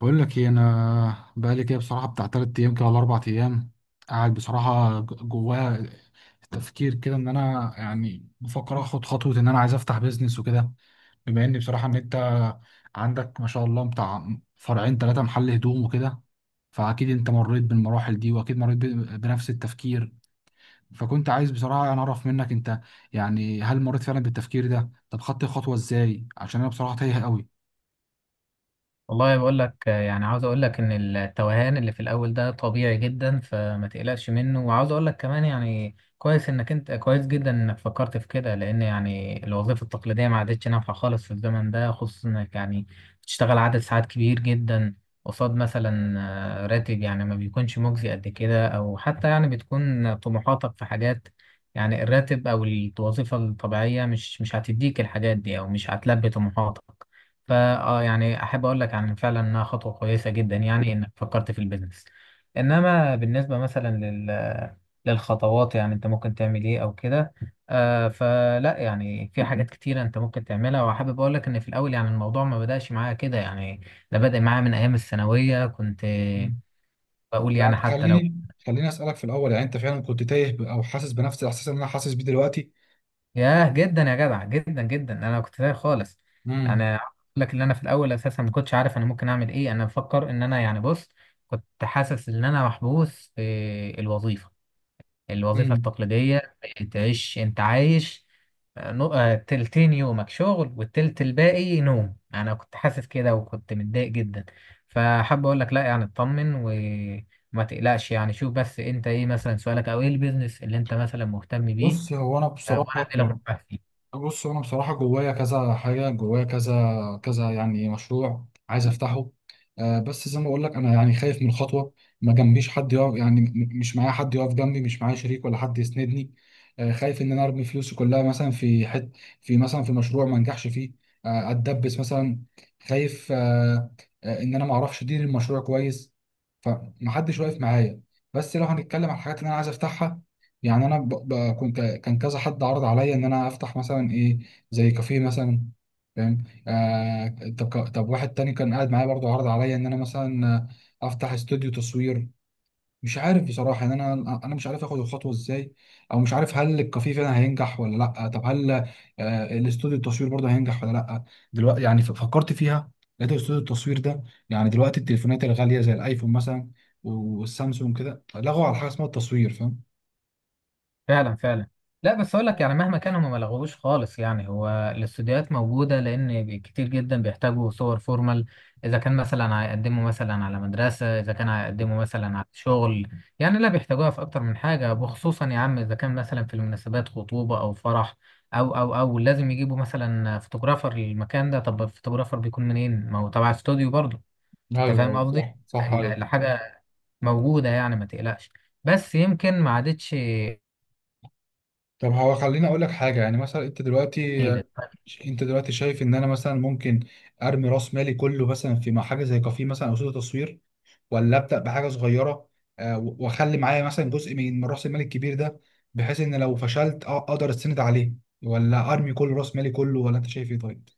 بقول لك ايه؟ انا بقالي كده بصراحه بتاع تلات ايام كده ولا اربع ايام قاعد بصراحه جوايا تفكير كده ان انا يعني بفكر اخد خطوه ان انا عايز افتح بيزنس وكده، بما ان بصراحه ان انت عندك ما شاء الله بتاع فرعين ثلاثه محل هدوم وكده. فاكيد انت مريت بالمراحل دي، واكيد مريت بنفس التفكير. فكنت عايز بصراحه انا اعرف منك انت، يعني هل مريت فعلا بالتفكير ده؟ طب خدت الخطوه ازاي؟ عشان انا بصراحه تايه قوي. والله بقول لك، يعني عاوز اقول لك ان التوهان اللي في الاول ده طبيعي جدا فما تقلقش منه. وعاوز اقول لك كمان يعني كويس انك، انت كويس جدا انك فكرت في كده، لان يعني الوظيفه التقليديه ما عادتش نافعه خالص في الزمن ده، خصوصا انك يعني بتشتغل عدد ساعات كبير جدا قصاد مثلا راتب يعني ما بيكونش مجزي قد كده، او حتى يعني بتكون طموحاتك في حاجات، يعني الراتب او الوظيفه الطبيعيه مش هتديك الحاجات دي، او مش هتلبي طموحاتك. فا يعني احب اقول لك عن فعلا انها خطوه كويسه جدا، يعني انك فكرت في البيزنس. انما بالنسبه مثلا للخطوات، يعني انت ممكن تعمل ايه او كده. فلا يعني في حاجات كتيره انت ممكن تعملها، وحابب اقول لك ان في الاول يعني الموضوع ما بداش معايا كده يعني، ده بدأ معايا من ايام الثانويه. كنت بقول يعني يعني حتى لو، خليني اسالك في الاول، يعني انت فعلا كنت تايه او حاسس بنفس الاحساس اللي انا حاسس بيه دلوقتي؟ ياه جدا يا جدع، جدا جدا انا كنت تايه خالص. يعني امم. اقول لك ان انا في الاول اساسا ما كنتش عارف انا ممكن اعمل ايه، انا بفكر ان انا يعني، بص كنت حاسس ان انا محبوس في الوظيفه امم. التقليديه. تعيش انت عايش تلتين يومك شغل والتلت الباقي نوم. انا كنت حاسس كده وكنت متضايق جدا. فحاب اقول لك لا، يعني اطمن وما تقلقش. يعني شوف بس، انت ايه مثلا سؤالك، او ايه البيزنس اللي انت مثلا مهتم بيه؟ بص هو انا بصراحه، وانا اديلك نصيحة. بص انا بصراحه جوايا كذا حاجه، جوايا كذا كذا يعني مشروع عايز افتحه. آه، بس زي ما بقول لك انا يعني خايف من الخطوه. ما جنبيش حد يقف، يعني مش معايا حد يقف جنبي، مش معايا شريك ولا حد يسندني. آه، خايف ان انا ارمي فلوسي كلها مثلا في مثلا في مشروع ما انجحش فيه، آه، اتدبس مثلا، خايف، آه ان انا ما اعرفش ادير المشروع كويس، فمحدش واقف معايا. بس لو هنتكلم على الحاجات اللي انا عايز افتحها، يعني انا كان كذا حد عرض عليا ان انا افتح مثلا ايه؟ زي كافيه مثلا، فاهم؟ طب طب واحد تاني كان قاعد معايا برضو عرض عليا ان انا مثلا، افتح استوديو تصوير. مش عارف بصراحة ان انا مش عارف اخد الخطوة ازاي، او مش عارف هل الكافيه فعلا هينجح ولا لا. طب هل الاستوديو التصوير برضه هينجح ولا لا؟ دلوقتي يعني فكرت فيها، لقيت استوديو التصوير ده. يعني دلوقتي التليفونات الغالية زي الايفون مثلا والسامسونج كده لغوا على حاجة اسمها التصوير، فاهم؟ فعلا فعلا. لا بس اقول لك يعني مهما كان هم ما لغوش خالص، يعني هو الاستوديوهات موجوده لان كتير جدا بيحتاجوا صور فورمال. اذا كان مثلا هيقدموا مثلا على مدرسه، اذا كان هيقدموا مثلا على شغل، يعني لا بيحتاجوها في اكتر من حاجه. وخصوصا يا عم اذا كان مثلا في المناسبات خطوبه او فرح، او لازم يجيبوا مثلا فوتوغرافر للمكان ده. طب الفوتوغرافر بيكون منين؟ ما هو تبع استوديو برضه. انت ايوه، فاهم أيوة، قصدي؟ صح صح، ايوه. الحاجه موجوده، يعني ما تقلقش، بس يمكن ما عادتش طب هو خليني اقول لك حاجه، يعني مثلا جديدة. انت دلوقتي شايف ان انا مثلا ممكن ارمي راس مالي كله مثلا مع حاجه زي كافيه مثلا او استوديو تصوير، ولا ابدا بحاجه صغيره، واخلي معايا مثلا جزء من راس المال الكبير ده، بحيث ان لو فشلت اقدر استند عليه، ولا ارمي كل راس مالي كله؟ ولا انت شايف ايه طيب؟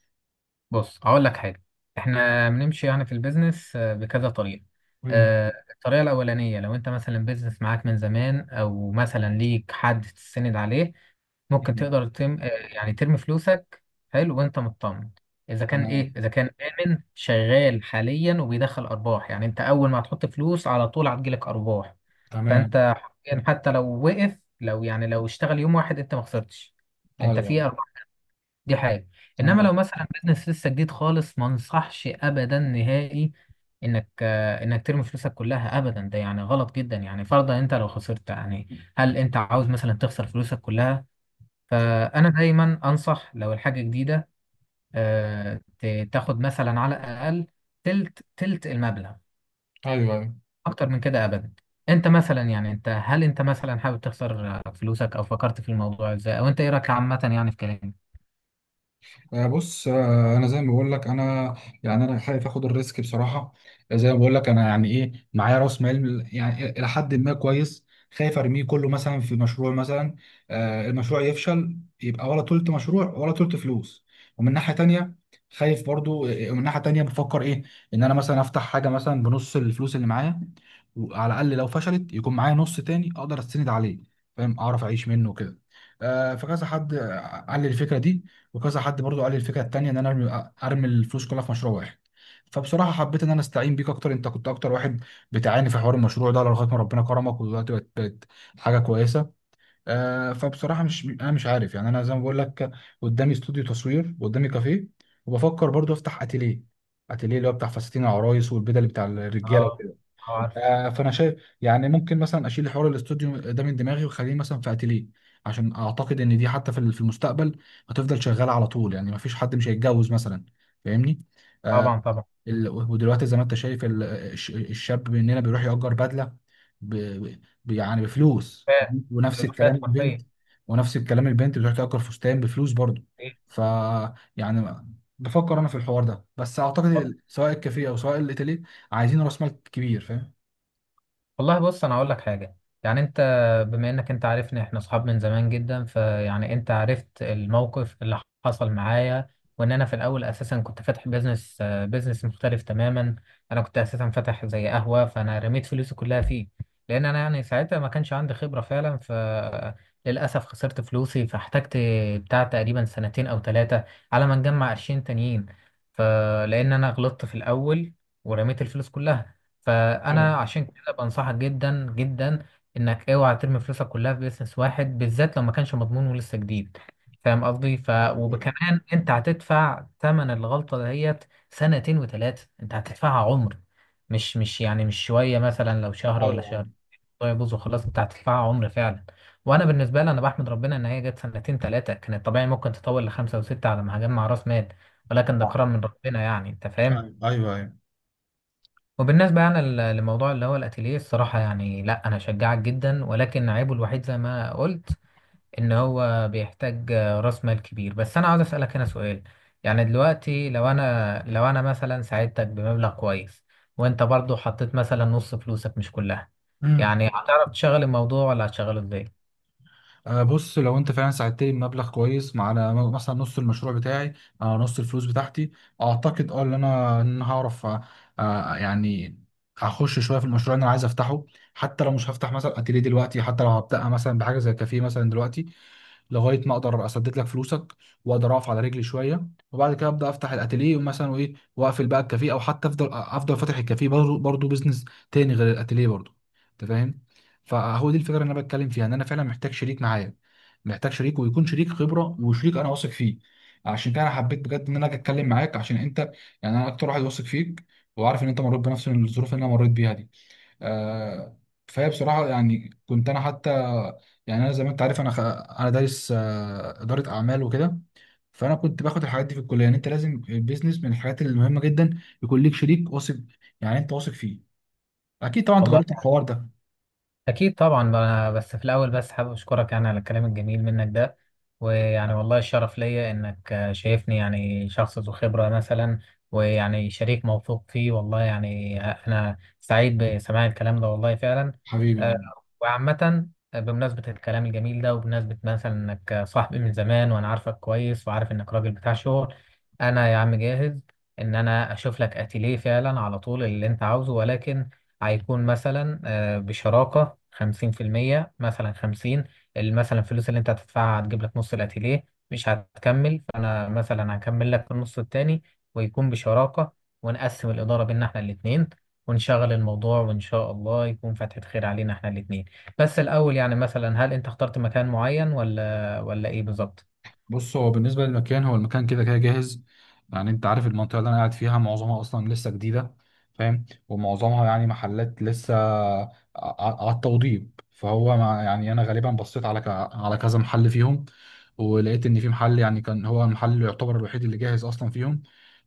بص هقول لك حاجة: احنا بنمشي يعني في البيزنس بكذا طريقة. مم. مم. الطريقة الأولانية، لو انت مثلا بيزنس معاك من زمان او مثلا ليك حد تستند عليه، ممكن مم. تقدر تم آه، يعني ترمي فلوسك. حلو وانت مطمن، اذا كان تمام. اذا كان آمن شغال حاليا وبيدخل ارباح، يعني انت اول ما هتحط فلوس على طول هتجيلك ارباح. تمام. فانت حرفياً حتى لو وقف لو يعني لو اشتغل يوم واحد انت ما خسرتش. انت في ايوه. دي حاجة. انما لو تمام. مثلا بيزنس لسه جديد خالص، ما انصحش ابدا نهائي انك ترمي فلوسك كلها ابدا. ده يعني غلط جدا، يعني فرضا انت لو خسرت يعني، هل انت عاوز مثلا تخسر فلوسك كلها؟ فانا دايما انصح لو الحاجة جديدة، تاخد مثلا على الاقل تلت المبلغ، ايوه، أيوة. اكتر من كده ابدا. انت مثلا يعني، انت هل انت مثلا حابب تخسر فلوسك؟ او فكرت في الموضوع ازاي؟ او انت ايه رايك عامة يعني في كلامي؟ بص، انا زي ما بقول لك، انا يعني انا خايف اخد الريسك بصراحه. زي ما بقول لك انا، يعني ايه، معايا راس مال يعني الى حد ما كويس، خايف ارميه كله مثلا في مشروع مثلا، المشروع يفشل يبقى ولا تلت مشروع ولا تلت فلوس. ومن ناحيه تانية خايف برضو، ومن ناحيه تانية بفكر ايه، ان انا مثلا افتح حاجه مثلا بنص الفلوس اللي معايا، وعلى الاقل لو فشلت يكون معايا نص تاني اقدر استند عليه، فاهم؟ اعرف اعيش منه كده. فكذا حد، قال لي الفكره دي، وكذا حد برضو قال لي الفكره التانيه ان انا ارمي الفلوس كلها في مشروع واحد. فبصراحه حبيت ان انا استعين بيك اكتر، انت كنت اكتر واحد بتعاني في حوار المشروع ده لغايه ما ربنا كرمك، ودلوقتي بقت حاجه كويسه. آه، فبصراحه مش انا مش عارف، يعني انا زي ما بقول لك، قدامي استوديو تصوير، قدامي كافيه، وبفكر برضو افتح اتيليه. اتيليه اللي هو بتاع فساتين العرايس والبدل بتاع اه، الرجاله. عارف. فانا شايف يعني ممكن مثلا اشيل حوار الاستوديو ده من دماغي واخليه مثلا في اتيليه، عشان اعتقد ان دي حتى في المستقبل هتفضل شغاله على طول. يعني ما فيش حد مش هيتجوز مثلا، فاهمني؟ آه طبعا طبعا. ودلوقتي زي ما انت شايف، الشاب مننا بيروح يأجر بدله ب يعني بفلوس. بيروفات. ونفس الكلام بيروفات البنت. حرفيا. بتروح تأجر فستان بفلوس برضه. ايه. ف يعني بفكر انا في الحوار ده، بس اعتقد اتفضل. سواء الكافيه او سواء الاتيليه عايزين راس مال كبير، فاهم؟ والله بص، انا هقول لك حاجه. يعني بما انك انت عارفني، احنا اصحاب من زمان جدا، فيعني انت عرفت الموقف اللي حصل معايا، وان انا في الاول اساسا كنت فاتح بيزنس، مختلف تماما. انا كنت اساسا فاتح زي قهوه، فانا رميت فلوسي كلها فيه، لان انا يعني ساعتها ما كانش عندي خبره فعلا. فللاسف خسرت فلوسي، فاحتجت بتاع تقريبا سنتين او 3 على ما نجمع قرشين تانيين. فلان انا غلطت في الاول ورميت الفلوس كلها، ايوه، فانا عشان كده بنصحك جدا جدا انك اوعى ترمي فلوسك كلها في بيزنس واحد، بالذات لو ما كانش مضمون ولسه جديد. فاهم قصدي؟ ايوه، ايوه، وكمان انت هتدفع ثمن الغلطه ديت. سنتين و3 انت هتدفعها عمر، مش يعني مش شويه، مثلا لو شهر ولا ايوه، شهر. طيب بص وخلاص، انت هتدفعها عمر فعلا. وانا بالنسبه لي انا بحمد ربنا ان هي جت سنتين 3، كانت طبيعي ممكن تطول ل5 و6 على ما هجمع راس مال. ولكن ده صح. كرم من ربنا، يعني انت فاهم. ايوه، ايوه، ايوه. وبالنسبة يعني لموضوع اللي هو الأتيليه، الصراحة يعني لا، أنا أشجعك جدا، ولكن عيبه الوحيد زي ما قلت إن هو بيحتاج رأس مال كبير. بس أنا عاوز أسألك هنا سؤال: يعني دلوقتي لو أنا، مثلا ساعدتك بمبلغ كويس، وأنت برضو حطيت مثلا نص فلوسك مش كلها، امم. يعني هتعرف تشغل الموضوع ولا هتشغله إزاي؟ آه، بص، لو انت فعلا ساعدتني بمبلغ كويس على مثلا نص المشروع بتاعي، آه، نص الفلوس بتاعتي، اعتقد ان انا هعرف، يعني اخش شويه في المشروع اللي انا عايز افتحه. حتى لو مش هفتح مثلا اتيليه دلوقتي، حتى لو هبدأ مثلا بحاجه زي كافيه مثلا دلوقتي، لغايه ما اقدر اسدد لك فلوسك، واقدر اقف على رجلي شويه، وبعد كده ابدا افتح الاتيليه مثلا، وايه، واقفل بقى الكافيه، او حتى افضل فاتح الكافيه برضه، بزنس تاني غير الاتيليه برضه. انت فاهم؟ فهو دي الفكره اللي انا بتكلم فيها، ان انا فعلا محتاج شريك معايا، محتاج شريك ويكون شريك خبره وشريك انا واثق فيه. عشان كده انا حبيت بجد ان انا اجي اتكلم معاك، عشان انت، يعني انا اكتر واحد واثق فيك، وعارف ان انت مريت بنفس الظروف اللي انا مريت بيها دي. آه، فهي بصراحة، يعني كنت أنا حتى، يعني أنا زي ما أنت عارف أنا أنا دارس إدارة أعمال وكده. فأنا كنت باخد الحاجات دي في الكلية، يعني أنت لازم البيزنس من الحاجات المهمة جدا يكون ليك شريك واثق، يعني أنت واثق فيه، أكيد طبعا أنت جربت الحوار ده. أكيد طبعا. بس في الأول بس حابب أشكرك يعني على الكلام الجميل منك ده، ويعني والله الشرف ليا إنك شايفني يعني شخص ذو خبرة مثلا، ويعني شريك موثوق فيه. والله يعني أنا سعيد بسماع الكلام ده والله فعلا. حبيبي. آه، وعامة، بمناسبة الكلام الجميل ده وبمناسبة مثلا إنك صاحبي من زمان وأنا عارفك كويس، وعارف إنك راجل بتاع شغل، أنا يا عم جاهز إن أنا أشوف لك أتيليه فعلا على طول اللي أنت عاوزه. ولكن هيكون مثلا بشراكة 50%، مثلا 50، مثلا الفلوس اللي انت هتدفعها هتجيب لك نص الاتيليه، مش هتكمل، فانا مثلا هكمل لك النص التاني، ويكون بشراكة، ونقسم الإدارة بينا احنا الاتنين، ونشغل الموضوع، وإن شاء الله يكون فتحة خير علينا احنا الاتنين. بس الأول يعني مثلا هل أنت اخترت مكان معين ولا إيه بالظبط؟ بص، هو بالنسبة للمكان، هو المكان كده كده جاهز. يعني انت عارف المنطقة اللي انا قاعد فيها معظمها اصلا لسه جديدة، فاهم؟ ومعظمها يعني محلات لسه على التوضيب. فهو مع يعني انا غالبا بصيت على على كذا محل فيهم، ولقيت ان في محل يعني كان هو المحل اللي يعتبر الوحيد اللي جاهز اصلا فيهم،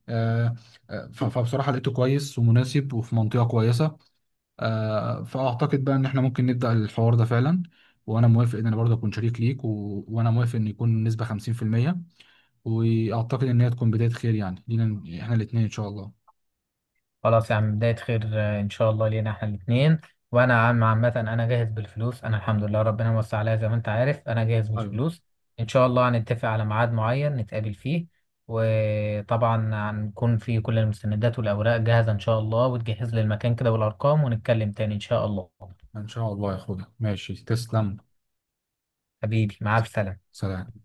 آه، فبصراحة لقيته كويس ومناسب وفي منطقة كويسة. فاعتقد بقى ان احنا ممكن نبدأ الحوار ده فعلا، وانا موافق ان انا برضه اكون شريك ليك، وانا موافق ان يكون النسبة 50%، واعتقد ان هي تكون بدايه خير يعني لينا احنا الاثنين ان شاء الله. خلاص يا عم، بداية خير إن شاء الله لينا إحنا الاتنين. وأنا عم عامة أنا جاهز بالفلوس، أنا الحمد لله ربنا موسع عليا زي ما أنت عارف، أنا جاهز ايوه، بالفلوس. إن شاء الله هنتفق على ميعاد معين نتقابل فيه، وطبعا هنكون في كل المستندات والأوراق جاهزة إن شاء الله، وتجهز لي المكان كده والأرقام ونتكلم تاني إن شاء الله. ان شاء الله يا اخويا. ماشي، تسلم. حبيبي مع السلامة. سلام.